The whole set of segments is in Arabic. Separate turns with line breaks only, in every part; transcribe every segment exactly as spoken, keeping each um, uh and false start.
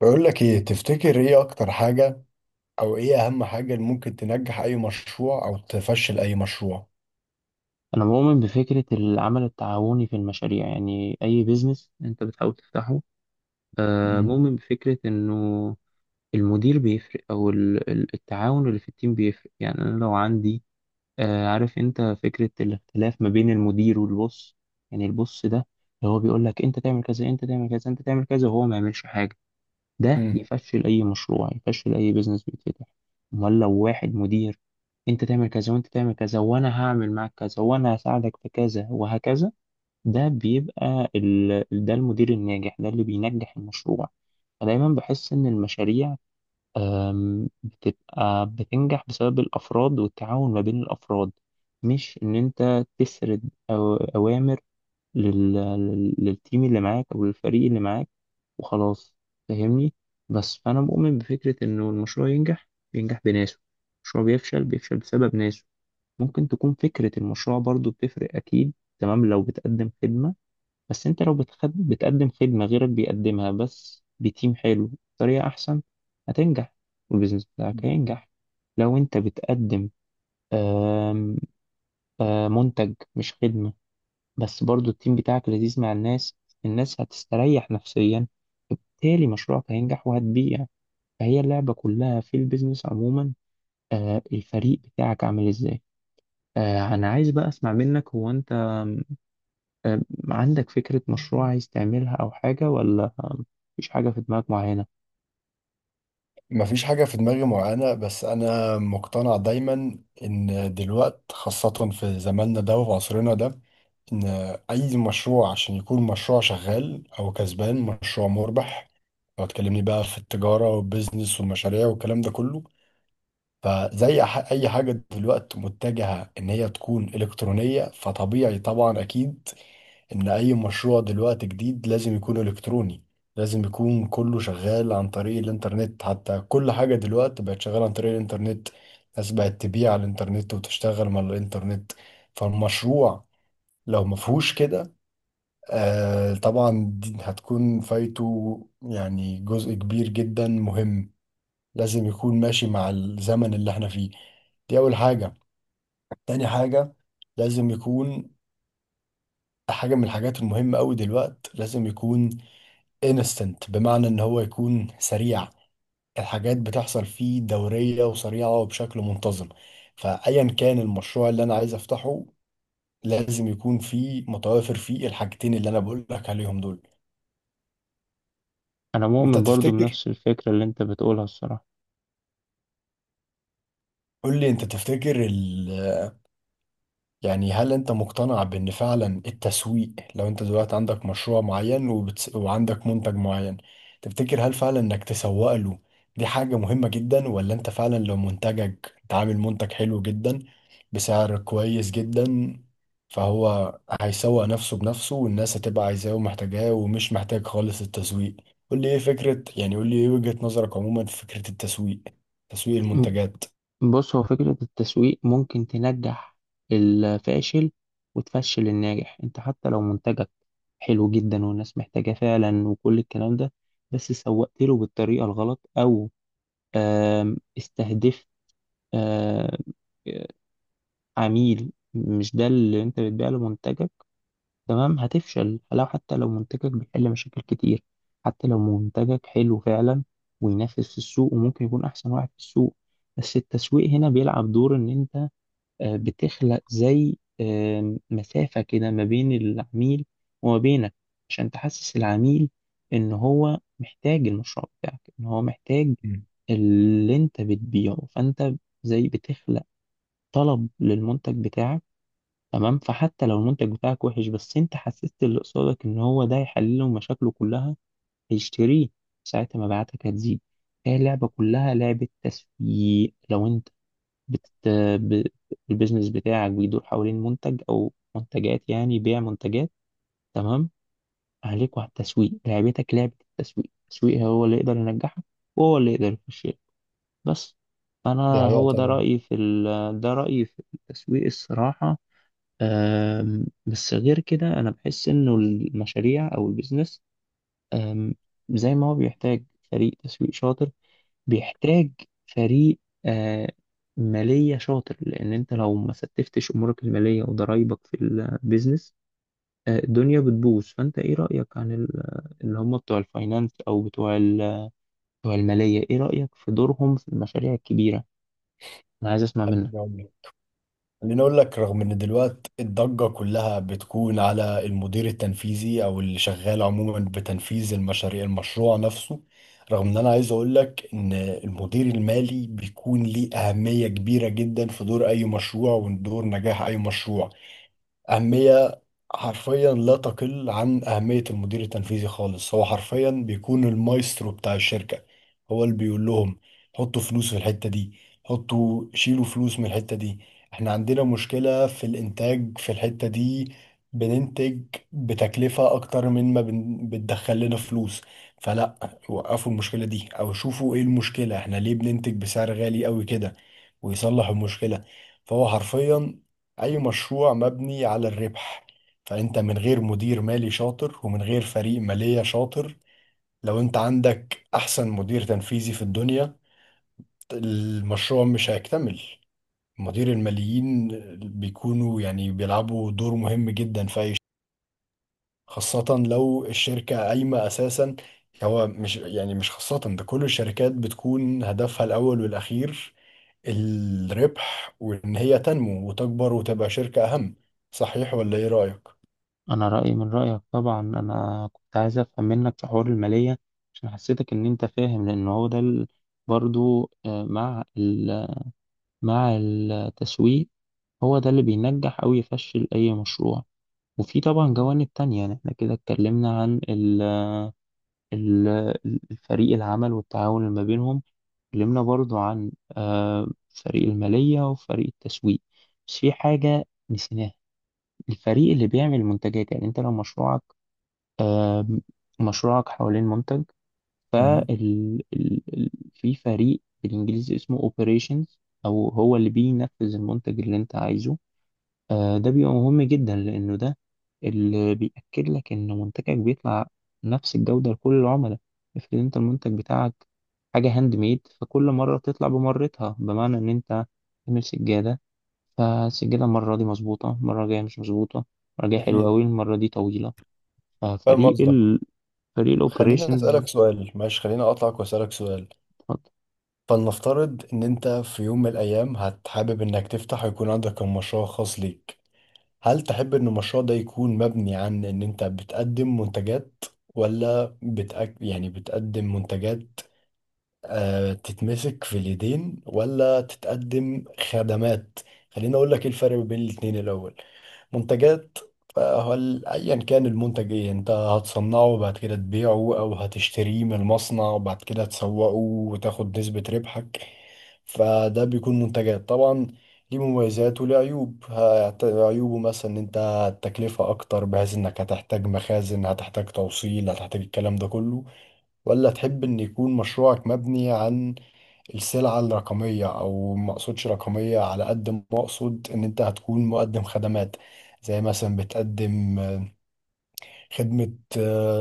بقول لك ايه؟ تفتكر ايه اكتر حاجة، او ايه اهم حاجة اللي ممكن تنجح اي مشروع او تفشل اي مشروع؟
أنا مؤمن بفكرة العمل التعاوني في المشاريع، يعني أي بيزنس أنت بتحاول تفتحه. آه،
مم.
مؤمن بفكرة إنه المدير بيفرق، أو ال- ال- التعاون اللي في التيم بيفرق. يعني أنا لو عندي آه، عارف أنت فكرة الاختلاف ما بين المدير والبوس. يعني البوس ده اللي هو بيقول لك أنت تعمل كذا، أنت تعمل كذا، أنت تعمل كذا، وهو ما يعملش حاجة. ده
امم
يفشل اي مشروع، يفشل اي بيزنس بيتفتح. امال لو واحد مدير، انت تعمل كذا وانت تعمل كذا وانا هعمل معاك كذا وانا هساعدك في كذا وهكذا، ده بيبقى ال... ده المدير الناجح، ده اللي بينجح المشروع. فدايما بحس ان المشاريع أم، بتبقى بتنجح بسبب الافراد والتعاون ما بين الافراد، مش ان انت تسرد أو- اوامر لل... لل- للتيم اللي معاك او للفريق اللي معاك وخلاص. فاهمني؟ بس فأنا مؤمن بفكرة إنه المشروع ينجح، بينجح بناسه، المشروع بيفشل، بيفشل بسبب ناسه. ممكن تكون فكرة المشروع برضو بتفرق، أكيد، تمام، لو بتقدم خدمة. بس أنت لو بتخد... بتقدم خدمة غيرك بيقدمها، بس بتيم حلو بطريقة أحسن، هتنجح والبيزنس بتاعك هينجح. لو أنت بتقدم آم، آم، منتج مش خدمة، بس برضو التيم بتاعك لذيذ مع الناس، الناس هتستريح نفسيا، بالتالي مشروعك هينجح وهتبيع. فهي اللعبة كلها في البيزنس عموما، آه، الفريق بتاعك عامل ازاي. آه، انا عايز بقى اسمع منك، هو انت آم، آم، عندك فكرة مشروع عايز تعملها او حاجة، ولا آم، مفيش حاجة في دماغك معينة؟
مفيش حاجة في دماغي معينة، بس انا مقتنع دايما ان دلوقت، خاصة في زماننا ده وفي عصرنا ده، ان اي مشروع عشان يكون مشروع شغال او كسبان، مشروع مربح، لو تكلمني بقى في التجارة والبيزنس والمشاريع والكلام ده كله، فزي ح- اي حاجه دلوقتي متجهه ان هي تكون الكترونيه، فطبيعي طبعا اكيد ان اي مشروع دلوقتي جديد لازم يكون الكتروني، لازم يكون كله شغال عن طريق الانترنت. حتى كل حاجه دلوقتي بقت شغاله عن طريق الانترنت، الناس بقت تبيع على الانترنت وتشتغل من الانترنت. فالمشروع لو مفهوش كده، آه طبعا دي هتكون فايته، يعني جزء كبير جدا مهم. لازم يكون ماشي مع الزمن اللي احنا فيه. دي أول حاجة. تاني حاجة، لازم يكون حاجة من الحاجات المهمة أوي دلوقت، لازم يكون instant، بمعنى إن هو يكون سريع، الحاجات بتحصل فيه دورية وسريعة وبشكل منتظم. فأيا كان المشروع اللي أنا عايز أفتحه، لازم يكون فيه، متوافر فيه الحاجتين اللي أنا بقول لك عليهم دول.
انا
أنت
مؤمن برضو
تفتكر،
بنفس الفكرة اللي انت بتقولها الصراحة.
قول لي أنت تفتكر، يعني هل انت مقتنع بان فعلا التسويق، لو انت دلوقتي عندك مشروع معين وبتس... وعندك منتج معين، تفتكر هل فعلا انك تسوق له دي حاجة مهمة جدا، ولا انت فعلا لو منتجك، انت عامل منتج حلو جدا بسعر كويس جدا، فهو هيسوق نفسه بنفسه والناس هتبقى عايزاه ومحتاجاه ومش محتاج خالص التسويق؟ قول لي ايه فكرة، يعني قول لي ايه وجهة نظرك عموما في فكرة التسويق، تسويق
م-
المنتجات؟
بص، هو فكرة التسويق ممكن تنجح الفاشل وتفشل الناجح. انت حتى لو منتجك حلو جدا والناس محتاجاه فعلا وكل الكلام ده، بس سوقت له بالطريقة الغلط، او آم، استهدفت آم، عميل مش ده اللي انت بتبيع له منتجك، تمام، هتفشل. لو حتى لو منتجك بيحل مشاكل كتير، حتى لو منتجك حلو فعلا وينافس في السوق وممكن يكون احسن واحد في السوق، بس التسويق هنا بيلعب دور ان انت آه، بتخلق زي آم، مسافة كده ما بين العميل وما بينك، عشان تحسس العميل ان هو محتاج المشروع بتاعك، ان هو محتاج
مم.
اللي انت بتبيعه. فانت زي بتخلق طلب للمنتج بتاعك، تمام. فحتى لو المنتج بتاعك وحش، بس انت حسست اللي قصادك ان هو ده يحل له مشاكله كلها، هيشتريه، ساعتها مبيعاتك هتزيد. هي اللعبة كلها لعبة تسويق. لو انت بت... ب... البيزنس بتاعك بيدور حوالين منتج او منتجات، يعني بيع منتجات، تمام، عليك وعلى التسويق، لعبتك لعبة التسويق التسويق هو اللي يقدر ينجحك وهو اللي يقدر يخش. بس انا
دي حقيقة
هو ده
طبعا.
رأيي في ال... ده رأيي في التسويق الصراحة. أم، بس غير كده انا بحس انه المشاريع او البيزنس، أم، زي ما هو بيحتاج فريق تسويق شاطر، بيحتاج فريق آه، مالية شاطر، لان انت لو ما ستفتش امورك المالية وضرايبك في البيزنس، آه، الدنيا بتبوظ. فانت ايه رأيك عن ال- اللي هم بتوع الفاينانس، او بتوع ال- بتوع المالية؟ ايه رأيك في دورهم في المشاريع الكبيرة؟ انا عايز اسمع
خليني
منك.
أقول لك. خليني اقول لك، رغم ان دلوقتي الضجة كلها بتكون على المدير التنفيذي او اللي شغال عموما بتنفيذ المشاريع، المشروع نفسه، رغم ان، انا عايز اقول لك ان المدير المالي بيكون ليه اهمية كبيرة جدا في دور اي مشروع ودور نجاح اي مشروع. أهمية حرفيا لا تقل عن أهمية المدير التنفيذي خالص. هو حرفيا بيكون المايسترو بتاع الشركة. هو اللي بيقول لهم حطوا فلوس في الحتة دي، حطوا، شيلوا فلوس من الحتة دي، احنا عندنا مشكلة في الإنتاج في الحتة دي، بننتج بتكلفة أكتر من ما بن- بتدخل لنا فلوس، فلا، وقفوا المشكلة دي أو شوفوا إيه المشكلة، احنا ليه بننتج بسعر غالي أوي كده، ويصلح المشكلة. فهو حرفيا، اي مشروع مبني على الربح، فانت من غير مدير مالي شاطر ومن غير فريق مالية شاطر، لو انت عندك احسن مدير تنفيذي في الدنيا، المشروع مش هيكتمل. مدير الماليين بيكونوا يعني بيلعبوا دور مهم جدا في اي ش- خاصة لو الشركة قايمة اساسا. هو مش يعني مش خاصة ده، كل الشركات بتكون هدفها الاول والاخير الربح، وان هي تنمو وتكبر وتبقى شركة اهم. صحيح ولا ايه رأيك؟
انا رايي من رايك طبعا. انا كنت عايز افهم منك في حوار الماليه عشان حسيتك ان انت فاهم، لان هو ده ال- برضو آه، مع ال- مع التسويق، هو ده اللي بينجح او يفشل اي مشروع. وفي طبعا جوانب تانية، يعني احنا كده اتكلمنا عن ال- ال- الفريق العمل والتعاون اللي ما بينهم، اتكلمنا برضو عن آه، فريق الماليه وفريق التسويق، بس في حاجه نسيناها، الفريق اللي بيعمل المنتجات. يعني انت لو مشروعك مشروعك حوالين منتج، فال
مم.
ال... ال... في فريق بالإنجليزي اسمه operations، أو هو اللي بينفذ المنتج اللي أنت عايزه. آه، ده بيبقى مهم جدا، لأنه ده اللي بيأكد لك إن منتجك بيطلع نفس الجودة لكل العملاء. افرض أنت المنتج بتاعك حاجة هاند ميد، فكل مرة تطلع بمرتها، بمعنى إن أنت تعمل سجادة، فالسجادة المرة دي مظبوطة، المرة الجاية مش مظبوطة، المرة الجاية حلوة
أكيد،
أوي، المرة دي طويلة.
فاهم
ففريق،
قصدك.
فريق
خليني
الاوبريشنز.
أسألك سؤال، ماشي، خليني أقطعك وأسألك سؤال.
اتفضل.
فلنفترض إن أنت في يوم من الأيام هتحابب إنك تفتح ويكون عندك مشروع خاص ليك، هل تحب إن المشروع ده يكون مبني عن إن أنت بتقدم منتجات، ولا بتأك... يعني بتقدم منتجات، آه، تتمسك في اليدين، ولا تتقدم خدمات؟ خليني اقول لك ايه الفرق بين الاتنين. الاول، منتجات، فهل ايا كان المنتج ايه، انت هتصنعه وبعد كده تبيعه او هتشتريه من المصنع وبعد كده تسوقه وتاخد نسبة ربحك، فده بيكون منتجات طبعا. ليه مميزات وليه عيوب، هت- عيوبه مثلا ان انت التكلفة اكتر، بحيث انك هتحتاج مخازن، هتحتاج توصيل، هتحتاج الكلام ده كله. ولا تحب ان يكون مشروعك مبني عن السلعة الرقمية، او ما اقصدش رقمية على قد ما اقصد ان انت هتكون مقدم خدمات، زي مثلا بتقدم خدمة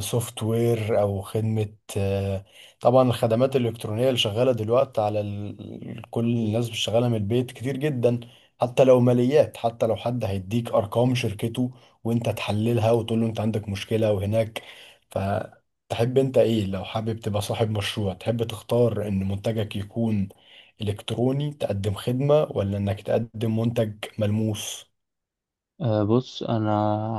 سوفت وير أو خدمة، آه، طبعا الخدمات الإلكترونية اللي شغالة دلوقتي على ال... كل الناس شغالة من البيت كتير جدا، حتى لو ماليات، حتى لو حد هيديك أرقام شركته وأنت تحللها وتقول له أنت عندك مشكلة وهناك. فتحب أنت إيه، لو حابب تبقى صاحب مشروع، تحب تختار إن منتجك يكون إلكتروني تقدم خدمة، ولا إنك تقدم منتج ملموس؟
أه، بص، انا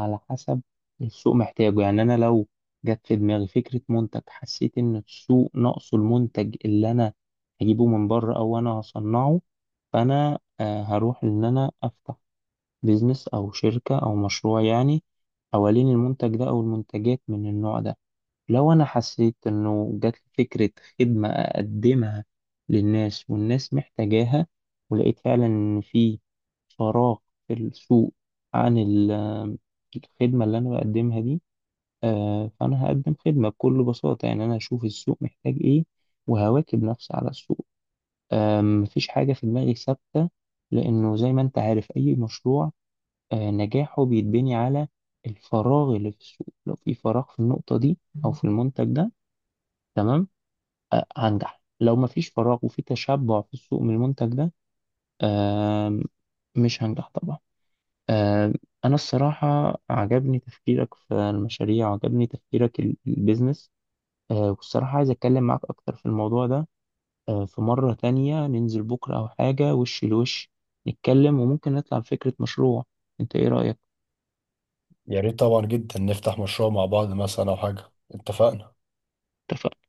على حسب السوق محتاجه، يعني انا لو جت في دماغي فكره منتج، حسيت ان السوق ناقصه المنتج اللي انا هجيبه من بره او انا هصنعه، فانا أه هروح ان انا افتح بيزنس او شركه او مشروع، يعني حوالين المنتج ده او المنتجات من النوع ده. لو أنا حسيت إنه جات لي فكرة خدمة أقدمها للناس والناس محتاجاها، ولقيت فعلا إن في فراغ في السوق عن ال- الخدمة اللي أنا بقدمها دي، آه، فأنا هقدم خدمة بكل بساطة. يعني أنا هشوف السوق محتاج إيه وهواكب نفسي على السوق. آه، مفيش حاجة في دماغي ثابتة، لأنه زي ما أنت عارف أي مشروع آه، نجاحه بيتبني على الفراغ اللي في السوق. لو في فراغ في النقطة دي أو في المنتج ده، تمام، آه، هنجح. لو مفيش فراغ وفي تشبع في السوق من المنتج ده، آم، مش هنجح طبعا. آم، أنا الصراحة عجبني تفكيرك في المشاريع، وعجبني تفكيرك ال- البيزنس، آه، والصراحة عايز أتكلم معاك أكتر في الموضوع ده. آه، في مرة تانية ننزل بكرة أو حاجة، وش لوش نتكلم وممكن نطلع بفكرة مشروع. أنت إيه رأيك؟
يا ريت طبعا جدا نفتح مشروع مع بعض مثلا او حاجة. اتفقنا.
اتفقنا؟